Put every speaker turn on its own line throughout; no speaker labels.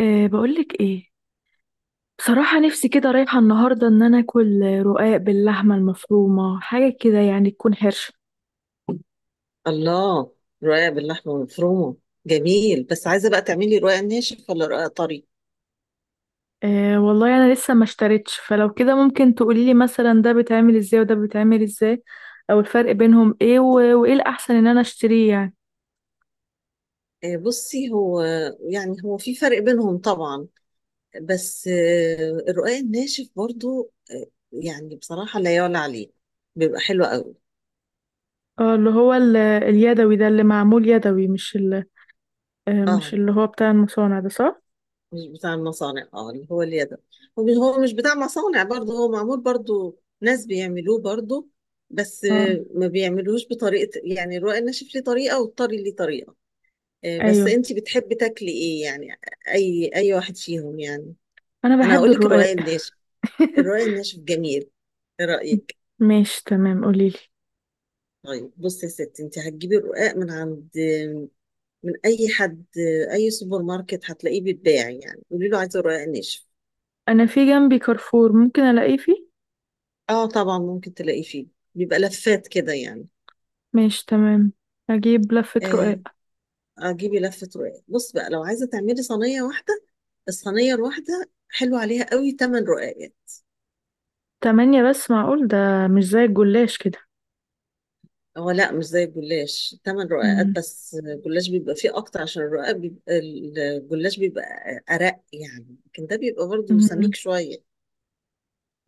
بقولك ايه؟ بصراحة نفسي كده رايحة النهاردة ان انا اكل رقاق باللحمة المفرومة، حاجة كده يعني تكون حرشة.
الله. رقاق باللحمة المفرومة، جميل، بس عايزة بقى تعملي رقاق ناشف ولا رقاق طري؟
أه والله انا لسه ما اشتريتش، فلو كده ممكن تقوليلي مثلا ده بيتعمل ازاي وده بيتعمل ازاي، او الفرق بينهم ايه وايه الاحسن ان انا اشتريه يعني؟
بصي، هو يعني هو في فرق بينهم طبعا، بس الرقاق الناشف برضو، يعني بصراحة لا يعلى عليه، بيبقى حلو قوي.
اه، اللي هو اليدوي ده اللي معمول يدوي، مش ال... آه، مش
اه،
اللي هو بتاع المصانع ده صح؟
مش بتاع المصانع، اه اللي هو اليد. هو مش بتاع مصانع برضو، هو معمول برضو ناس بيعملوه برضو، بس
اه
ما بيعملوهوش بطريقة، يعني الرقاق الناشف ليه طريقة والطري ليه طريقة. بس
ايوه،
انتي بتحبي تاكلي ايه يعني، اي واحد فيهم يعني؟
انا
انا
بحب
هقول لك الرقاق
الرقاق.
الناشف. الرقاق الناشف جميل، ايه رايك؟
ماشي تمام قوليلي.
طيب بصي يا ستي، انتي هتجيبي الرقاق من عند، من اي حد، اي سوبر ماركت هتلاقيه بيتباع، يعني قولي له عايزه الرقاق الناشف.
انا في جنبي كارفور، ممكن الاقيه فيه؟
اه طبعا ممكن تلاقيه فيه، بيبقى لفات كده يعني.
ماشي تمام، هجيب لفة رقاق.
آه. اجيبي لفه رقاق، بص بقى لو عايزه تعملي صينيه واحده، الصينيه الواحده حلو عليها قوي 8 رقاق يعني.
تمانية بس، معقول ده؟ مش زي الجلاش كده؟
هو لا، مش زي الجلاش، 8 رقاقات
مم.
بس، الجلاش بيبقى فيه اكتر، عشان الرقاق بيبقى الجلاش بيبقى ارق يعني، لكن ده بيبقى برضه
مم.
سميك شويه.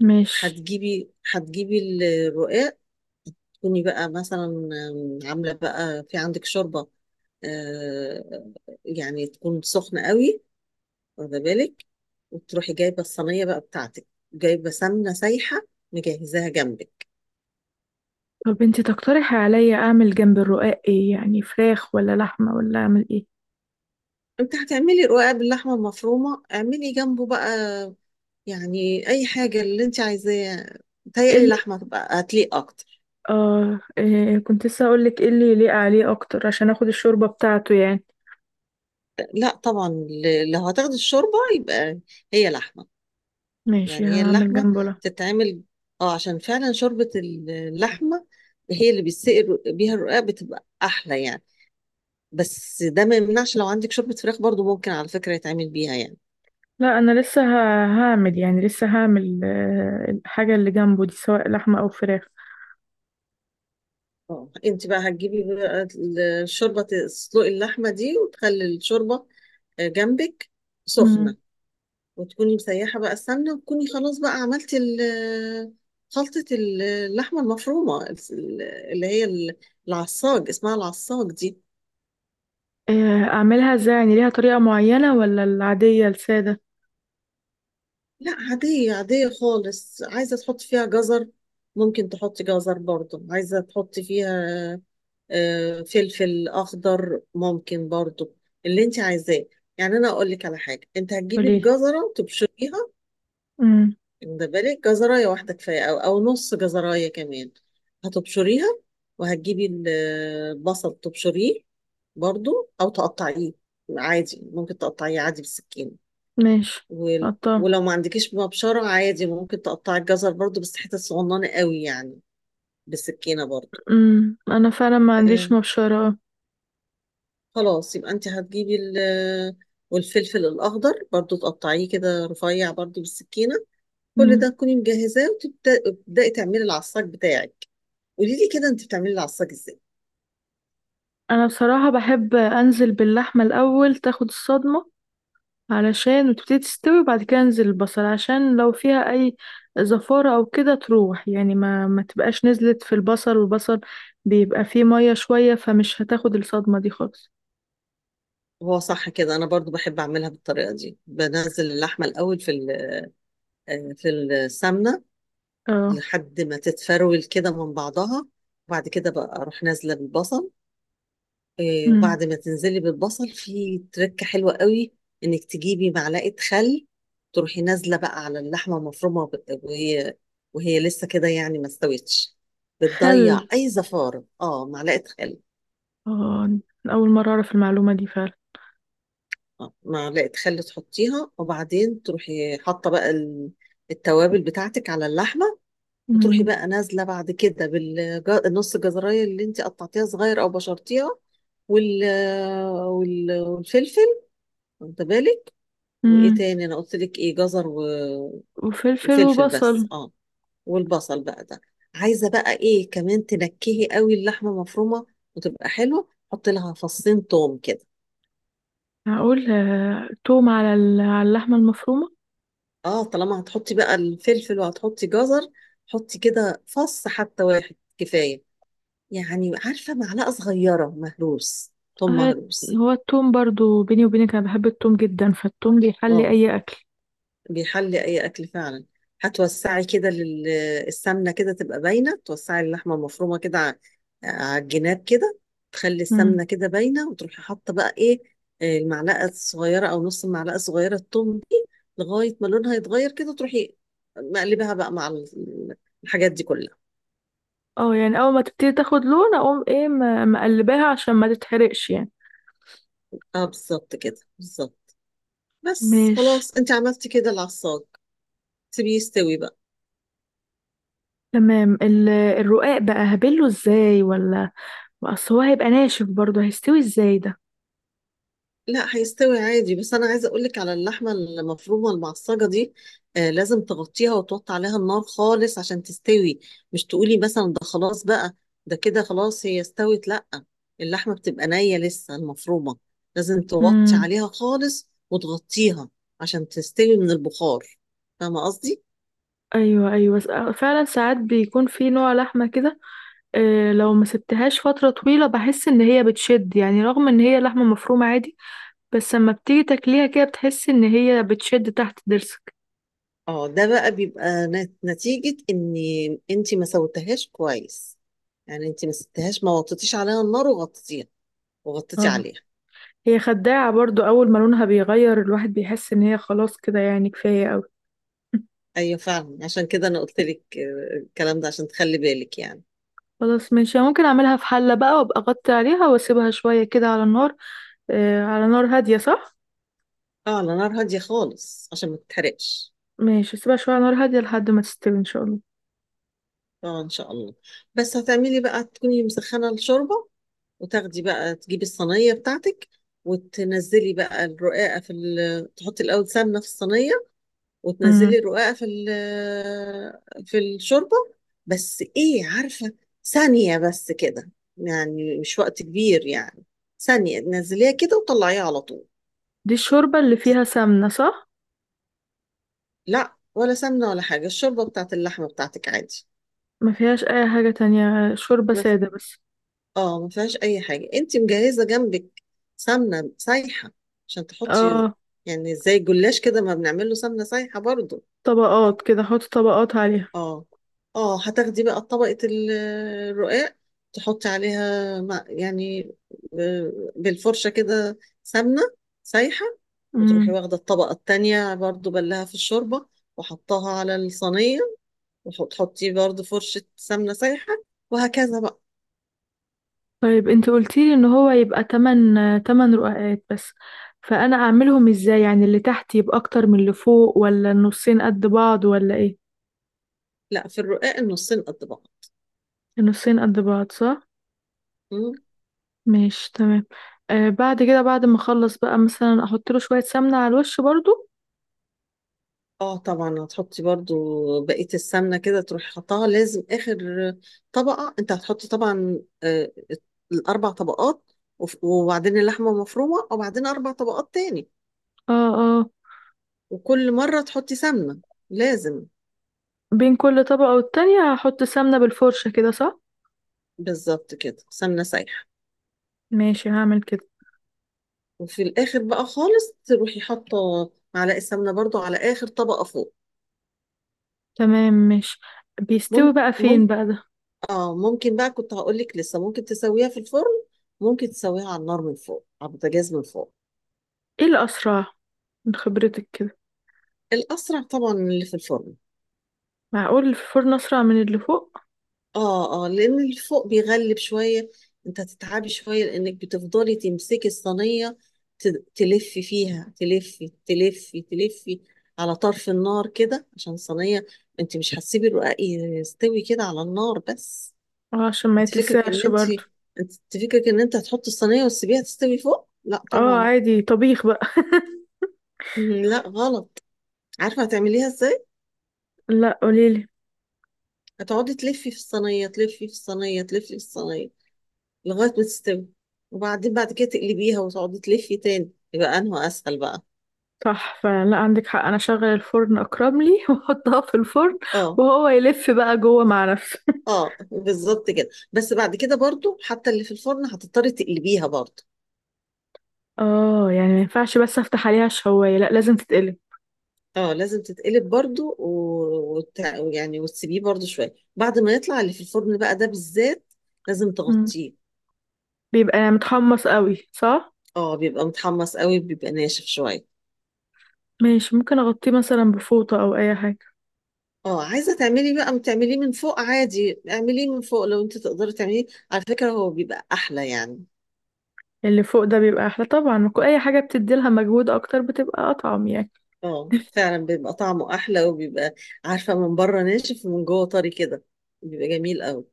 ماشي.
هتجيبي الرقاق، تكوني بقى مثلا عامله بقى في عندك شوربه، آه، يعني تكون سخنه قوي، واخده بالك، وتروحي جايبه الصينيه بقى بتاعتك، جايبه سمنه سايحه، مجهزاها جنبك.
طب انتي تقترحي عليا اعمل جنب الرقاق ايه؟ يعني فراخ ولا لحمة ولا اعمل ايه؟
انت هتعملي رقاق باللحمه المفرومه اعملي جنبه بقى، يعني اي حاجه اللي انت عايزاه،
ايه
متهيألي
اللي
لحمه تبقى هتليق اكتر.
اه إيه كنت لسه هقولك ايه اللي يليق عليه اكتر، عشان اخد الشوربة بتاعته يعني.
لا طبعا، لو هتاخدي الشوربه يبقى هي لحمه.
ماشي،
يعني هي
هعمل
اللحمه
جنبه لحمة.
تتعمل، اه عشان فعلا شوربه اللحمه هي اللي بيها الرقاق بتبقى احلى يعني، بس ده ما يمنعش لو عندك شوربه فراخ برضو ممكن على فكره يتعمل بيها يعني.
لا، انا لسه هعمل يعني لسه هعمل الحاجة اللي جنبه دي سواء لحمة او فراخ.
اه، انت بقى هتجيبي بقى الشوربه، تسلقي اللحمه دي وتخلي الشوربه جنبك
مم.
سخنه، وتكوني مسيحة بقى السمنة، وتكوني خلاص بقى عملتي خلطة اللحمة المفرومة، اللي هي ال- العصاج، اسمها العصاج دي.
اعملها ازاي؟ يعني ليها طريقة معينة ولا العادية السادة؟
لا، عادية عادية خالص، عايزة تحطي فيها جزر ممكن تحطي جزر برضو، عايزة تحطي فيها فلفل أخضر ممكن برضو، اللي انت عايزاه يعني. أنا أقول لك على حاجة، انت هتجيبي
قوليلي.
الجزرة تبشريها،
امم.
ده بالك جزراية واحدة كفاية أو نص جزراية كمان، هتبشريها، وهتجيبي البصل تبشريه برضو، أو تقطعيه عادي، ممكن تقطعيه عادي بالسكين.
ماشي. قطع.
ولو ما عندكيش مبشرة عادي ممكن تقطعي الجزر برضو، بس حتت صغننة قوي يعني، بالسكينة برضو.
انا فعلا ما عنديش
آه،
مبشرة اه.
خلاص يبقى أنت والفلفل الأخضر برضو تقطعيه كده رفيع برضو بالسكينة، كل
امم
ده تكوني مجهزاه، وتبدأي تعملي العصاج بتاعك. قولي لي كده انت بتعملي العصاج ازاي.
انا بصراحة بحب انزل باللحمة الاول تاخد الصدمة، علشان وتبتدي تستوي، وبعد كده انزل البصل عشان لو فيها اي زفارة او كده تروح، يعني ما تبقاش نزلت في البصل، والبصل بيبقى فيه مية شوية، فمش هتاخد الصدمة دي خالص.
هو صح كده، انا برضو بحب اعملها بالطريقه دي، بنزل اللحمه الاول في في السمنه،
اه.
لحد ما تتفرول كده من بعضها، وبعد كده بقى اروح نازله بالبصل.
امم.
وبعد ما تنزلي بالبصل في تركه حلوه قوي، انك تجيبي معلقه خل، تروحي نازله بقى على اللحمه المفرومه وهي لسه كده يعني ما استوتش، بتضيع
خل.
اي زفاره، اه معلقه خل.
اه. اول مرة اعرف المعلومة دي فعلا.
معلقة خل تحطيها، وبعدين تروحي حاطة بقى التوابل بتاعتك على اللحمة، وتروحي
امم.
بقى نازلة بعد كده بالنص جزراية اللي انت قطعتيها صغير او بشرتيها، وال... والفلفل، واخدة بالك. وايه
امم.
تاني انا قلت لك ايه، جزر
وفلفل
وفلفل بس
وبصل.
اه، والبصل بقى ده. عايزة بقى ايه كمان، تنكهي قوي اللحمة مفرومة وتبقى حلوة، حط لها 2 فص توم كده.
هقول توم على على اللحمة المفرومة.
اه طالما هتحطي بقى الفلفل وهتحطي جزر، حطي كده فص حتى واحد كفاية، يعني عارفة معلقة صغيرة مهروس، ثوم
آه،
مهروس.
هو التوم برضو، بيني وبينك انا بحب التوم جدا، فالتوم بيحلي
اه،
اي اكل.
بيحلي أي أكل فعلا. هتوسعي كده لل- السمنة كده تبقى باينة، توسعي اللحمة المفرومة كده على الجناب كده، تخلي
مم.
السمنة كده باينة، وتروحي حاطة بقى إيه، المعلقة الصغيرة أو نص المعلقة الصغيرة الثوم دي، لغاية ما لونها يتغير كده تروحي مقلبها بقى مع الحاجات دي كلها.
اه يعني اول ما تبتدي تاخد لون، اقوم ايه؟ مقلباها عشان ما تتحرقش يعني.
اه بالظبط كده بالظبط، بس
ماشي
خلاص انت عملتي كده العصاج، سيبيه يستوي بقى.
تمام. الرقاق بقى هبله ازاي، ولا اصل هو هيبقى ناشف برضو، هيستوي ازاي ده؟
لا، هيستوي عادي، بس انا عايزه اقول لك على اللحمه المفرومه المعصجه دي، آه لازم تغطيها وتوطي عليها النار خالص عشان تستوي، مش تقولي مثلا ده خلاص بقى، ده كده خلاص هي استوت، لا، اللحمه بتبقى نيه لسه المفرومه، لازم توطي
امم.
عليها خالص وتغطيها عشان تستوي من البخار، فاهمه قصدي.
ايوه ايوه، فعلا ساعات بيكون في نوع لحمه كده. لو ما سبتهاش فتره طويله بحس ان هي بتشد، يعني رغم ان هي لحمه مفرومه عادي، بس اما بتيجي تاكليها كده بتحس ان هي بتشد تحت ضرسك.
اه ده بقى بيبقى نتيجة ان انت ما سوتهاش كويس، يعني انت ما سبتهاش، ما وطيتيش عليها النار وغطيتيها وغطيتي
اه.
عليها.
هي خداعة برضو، اول ما لونها بيغير الواحد بيحس ان هي خلاص كده، يعني كفاية قوي.
ايوه فعلا، عشان كده انا قلت لك الكلام ده عشان تخلي بالك يعني.
خلاص ماشي، أنا ممكن اعملها في حلة بقى، وابقى اغطي عليها واسيبها شوية كده على النار. آه، على نار هادية صح؟
اه، على نار هادية خالص عشان ما تتحرقش.
ماشي، اسيبها شوية على نار هادية لحد ما تستوي ان شاء الله.
اه ان شاء الله. بس هتعملي بقى تكوني مسخنة الشوربة، وتاخدي بقى تجيبي الصينية بتاعتك، وتنزلي بقى الرقاقة في تحطي الاول سمنة في الصينية،
امم
وتنزلي الرقاقة في في الشوربة، بس ايه عارفة، ثانية بس كده، يعني مش وقت كبير يعني، ثانية تنزليها كده وطلعيها على طول.
دي الشوربة اللي
تت-
فيها سمنة صح؟
لا، ولا سمنة ولا حاجة، الشوربة بتاعت اللحمة بتاعتك عادي.
ما فيهاش اي حاجة تانية، شوربة
ما ف...
سادة بس.
اه ما فيهاش أي حاجة، انت مجهزة جنبك سمنة سايحة عشان تحطي،
اه،
يعني زي الجلاش كده ما بنعمله سمنة سايحة برضو.
طبقات كده، احط طبقات عليها.
اه، اه هتاخدي بقى طبقة الرقاق، تحطي عليها مع يعني بالفرشة كده سمنة سايحة، وتروحي
مم.
واخدة الطبقة التانية برضو بلها في الشوربة، وحطها على الصينية، وتحطي برضو فرشة سمنة سايحة، وهكذا بقى.
طيب انت قلتيلي ان هو يبقى تمن رقعات بس، فانا اعملهم ازاي يعني؟ اللي تحت يبقى اكتر من اللي فوق، ولا النصين قد بعض، ولا ايه؟
لا، في الرقاق النصين قد
النصين قد بعض صح.
بعض.
ماشي تمام. بعد كده، بعد ما اخلص بقى مثلا احط له شوية سمنة على الوش برضو.
اه طبعا هتحطي برضو بقية السمنة، كده تروحي حطها لازم آخر طبقة، انت هتحطي طبعا ال4 طبقات، وبعدين اللحمة مفرومة وبعدين 4 طبقات تاني،
اه. اه.
وكل مرة تحطي سمنة لازم.
بين كل طبقة والتانية هحط سمنة بالفرشة كده صح؟
بالظبط كده، سمنة سايحة.
ماشي هعمل كده.
وفي الآخر بقى خالص تروحي حاطة معلقة سمنة برضو على آخر طبقة فوق.
تمام ماشي. بيستوي
ممكن
بقى فين
ممكن
بقى ده؟
اه ممكن بقى كنت هقولك لسه ممكن تسويها في الفرن، ممكن تسويها على النار من فوق، على البوتاجاز من فوق.
ايه الاسرع من خبرتك كده؟
الأسرع طبعا من اللي في الفرن.
معقول الفرن اسرع من اللي فوق؟
اه، اه لأن اللي فوق بيغلب شوية، انت هتتعبي شوية لأنك بتفضلي تمسكي الصينية، تلفي فيها تلفي تلفي تلفي على طرف النار كده عشان الصينية، انت مش هتسيبي الرقاق يستوي كده على النار بس.
اه، عشان ما
انت فكرك ان
يتلسعش
انت
برضو.
انت فكرك ان انت هتحطي الصينية وتسيبيها تستوي فوق، لا
اه،
طبعا.
عادي طبيخ بقى.
مم، لا غلط. عارفة هتعمليها ازاي،
لا قوليلي.
هتقعدي تلفي في الصينية تلفي في الصينية تلفي في الصينية لغاية ما تستوي، وبعدين بعد كده تقلبيها وتقعدي تلفي تاني، يبقى انه اسهل بقى.
صح فلا، عندك حق، انا اشغل الفرن اكرم لي واحطها في الفرن،
اه،
وهو يلف بقى جوه مع نفسه.
اه بالظبط كده، بس بعد كده برضو حتى اللي في الفرن هتضطري تقلبيها برضو.
اه يعني ما ينفعش بس افتح عليها الشوايه، لا لازم تتقلي؟
اه لازم تتقلب برضو يعني وتسيبيه برضو شوية بعد ما يطلع اللي في الفرن بقى، ده بالذات لازم
مم.
تغطيه.
بيبقى يعني متحمص قوي صح؟
اه بيبقى متحمص قوي، بيبقى ناشف شوية.
ماشي، ممكن اغطيه مثلا بفوطه او اي حاجه؟
اه عايزة تعملي بقى تعمليه من فوق عادي، اعمليه من فوق لو انت تقدري تعمليه، على فكرة هو بيبقى احلى يعني.
اللي فوق ده بيبقى احلى طبعا، اي حاجه بتدي لها مجهود اكتر بتبقى اطعم يعني.
اه فعلا بيبقى طعمه احلى، وبيبقى عارفه من بره ناشف ومن جوه طري كده، بيبقى جميل قوي.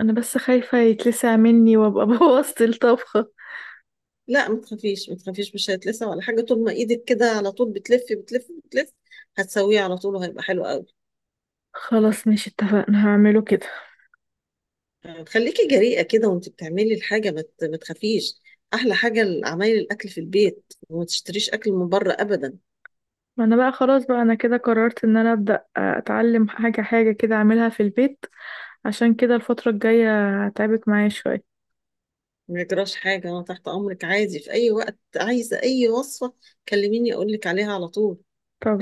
انا بس خايفه يتلسع مني وابقى بوظت الطبخه.
لا ما تخافيش ما تخافيش، مش هيتلسع ولا حاجه، طول ما ايدك كده على طول بتلفي بتلفي بتلفي، هتسويه على طول وهيبقى حلو قوي.
خلاص ماشي اتفقنا، هعمله كده.
خليكي جريئه كده وانت بتعملي الحاجه، ما تخافيش، احلى حاجه عمايل الاكل في البيت، وما تشتريش اكل من بره ابدا.
ما انا بقى خلاص بقى، انا كده قررت ان انا ابدا اتعلم حاجه حاجه كده اعملها في البيت، عشان كده الفتره الجايه هتعبك معايا شويه.
ما يجراش حاجه، انا تحت امرك عادي، في اي وقت عايزه اي وصفه كلميني اقول لك عليها على طول.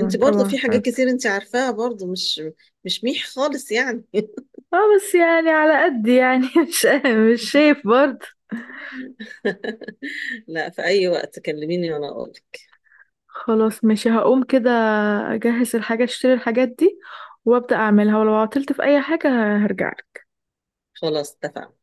انت برضه
طبعا
في حاجات
حبيبتي.
كتير انت عارفاها برضه، مش ميح خالص يعني
اه بس يعني على قد يعني، مش شايف برضه.
لا، في اي وقت كلميني وانا اقولك.
خلاص ماشي، هقوم كده اجهز الحاجه، اشتري الحاجات دي وابدا اعملها، ولو عطلت في اي حاجه هرجع.
خلاص اتفقنا.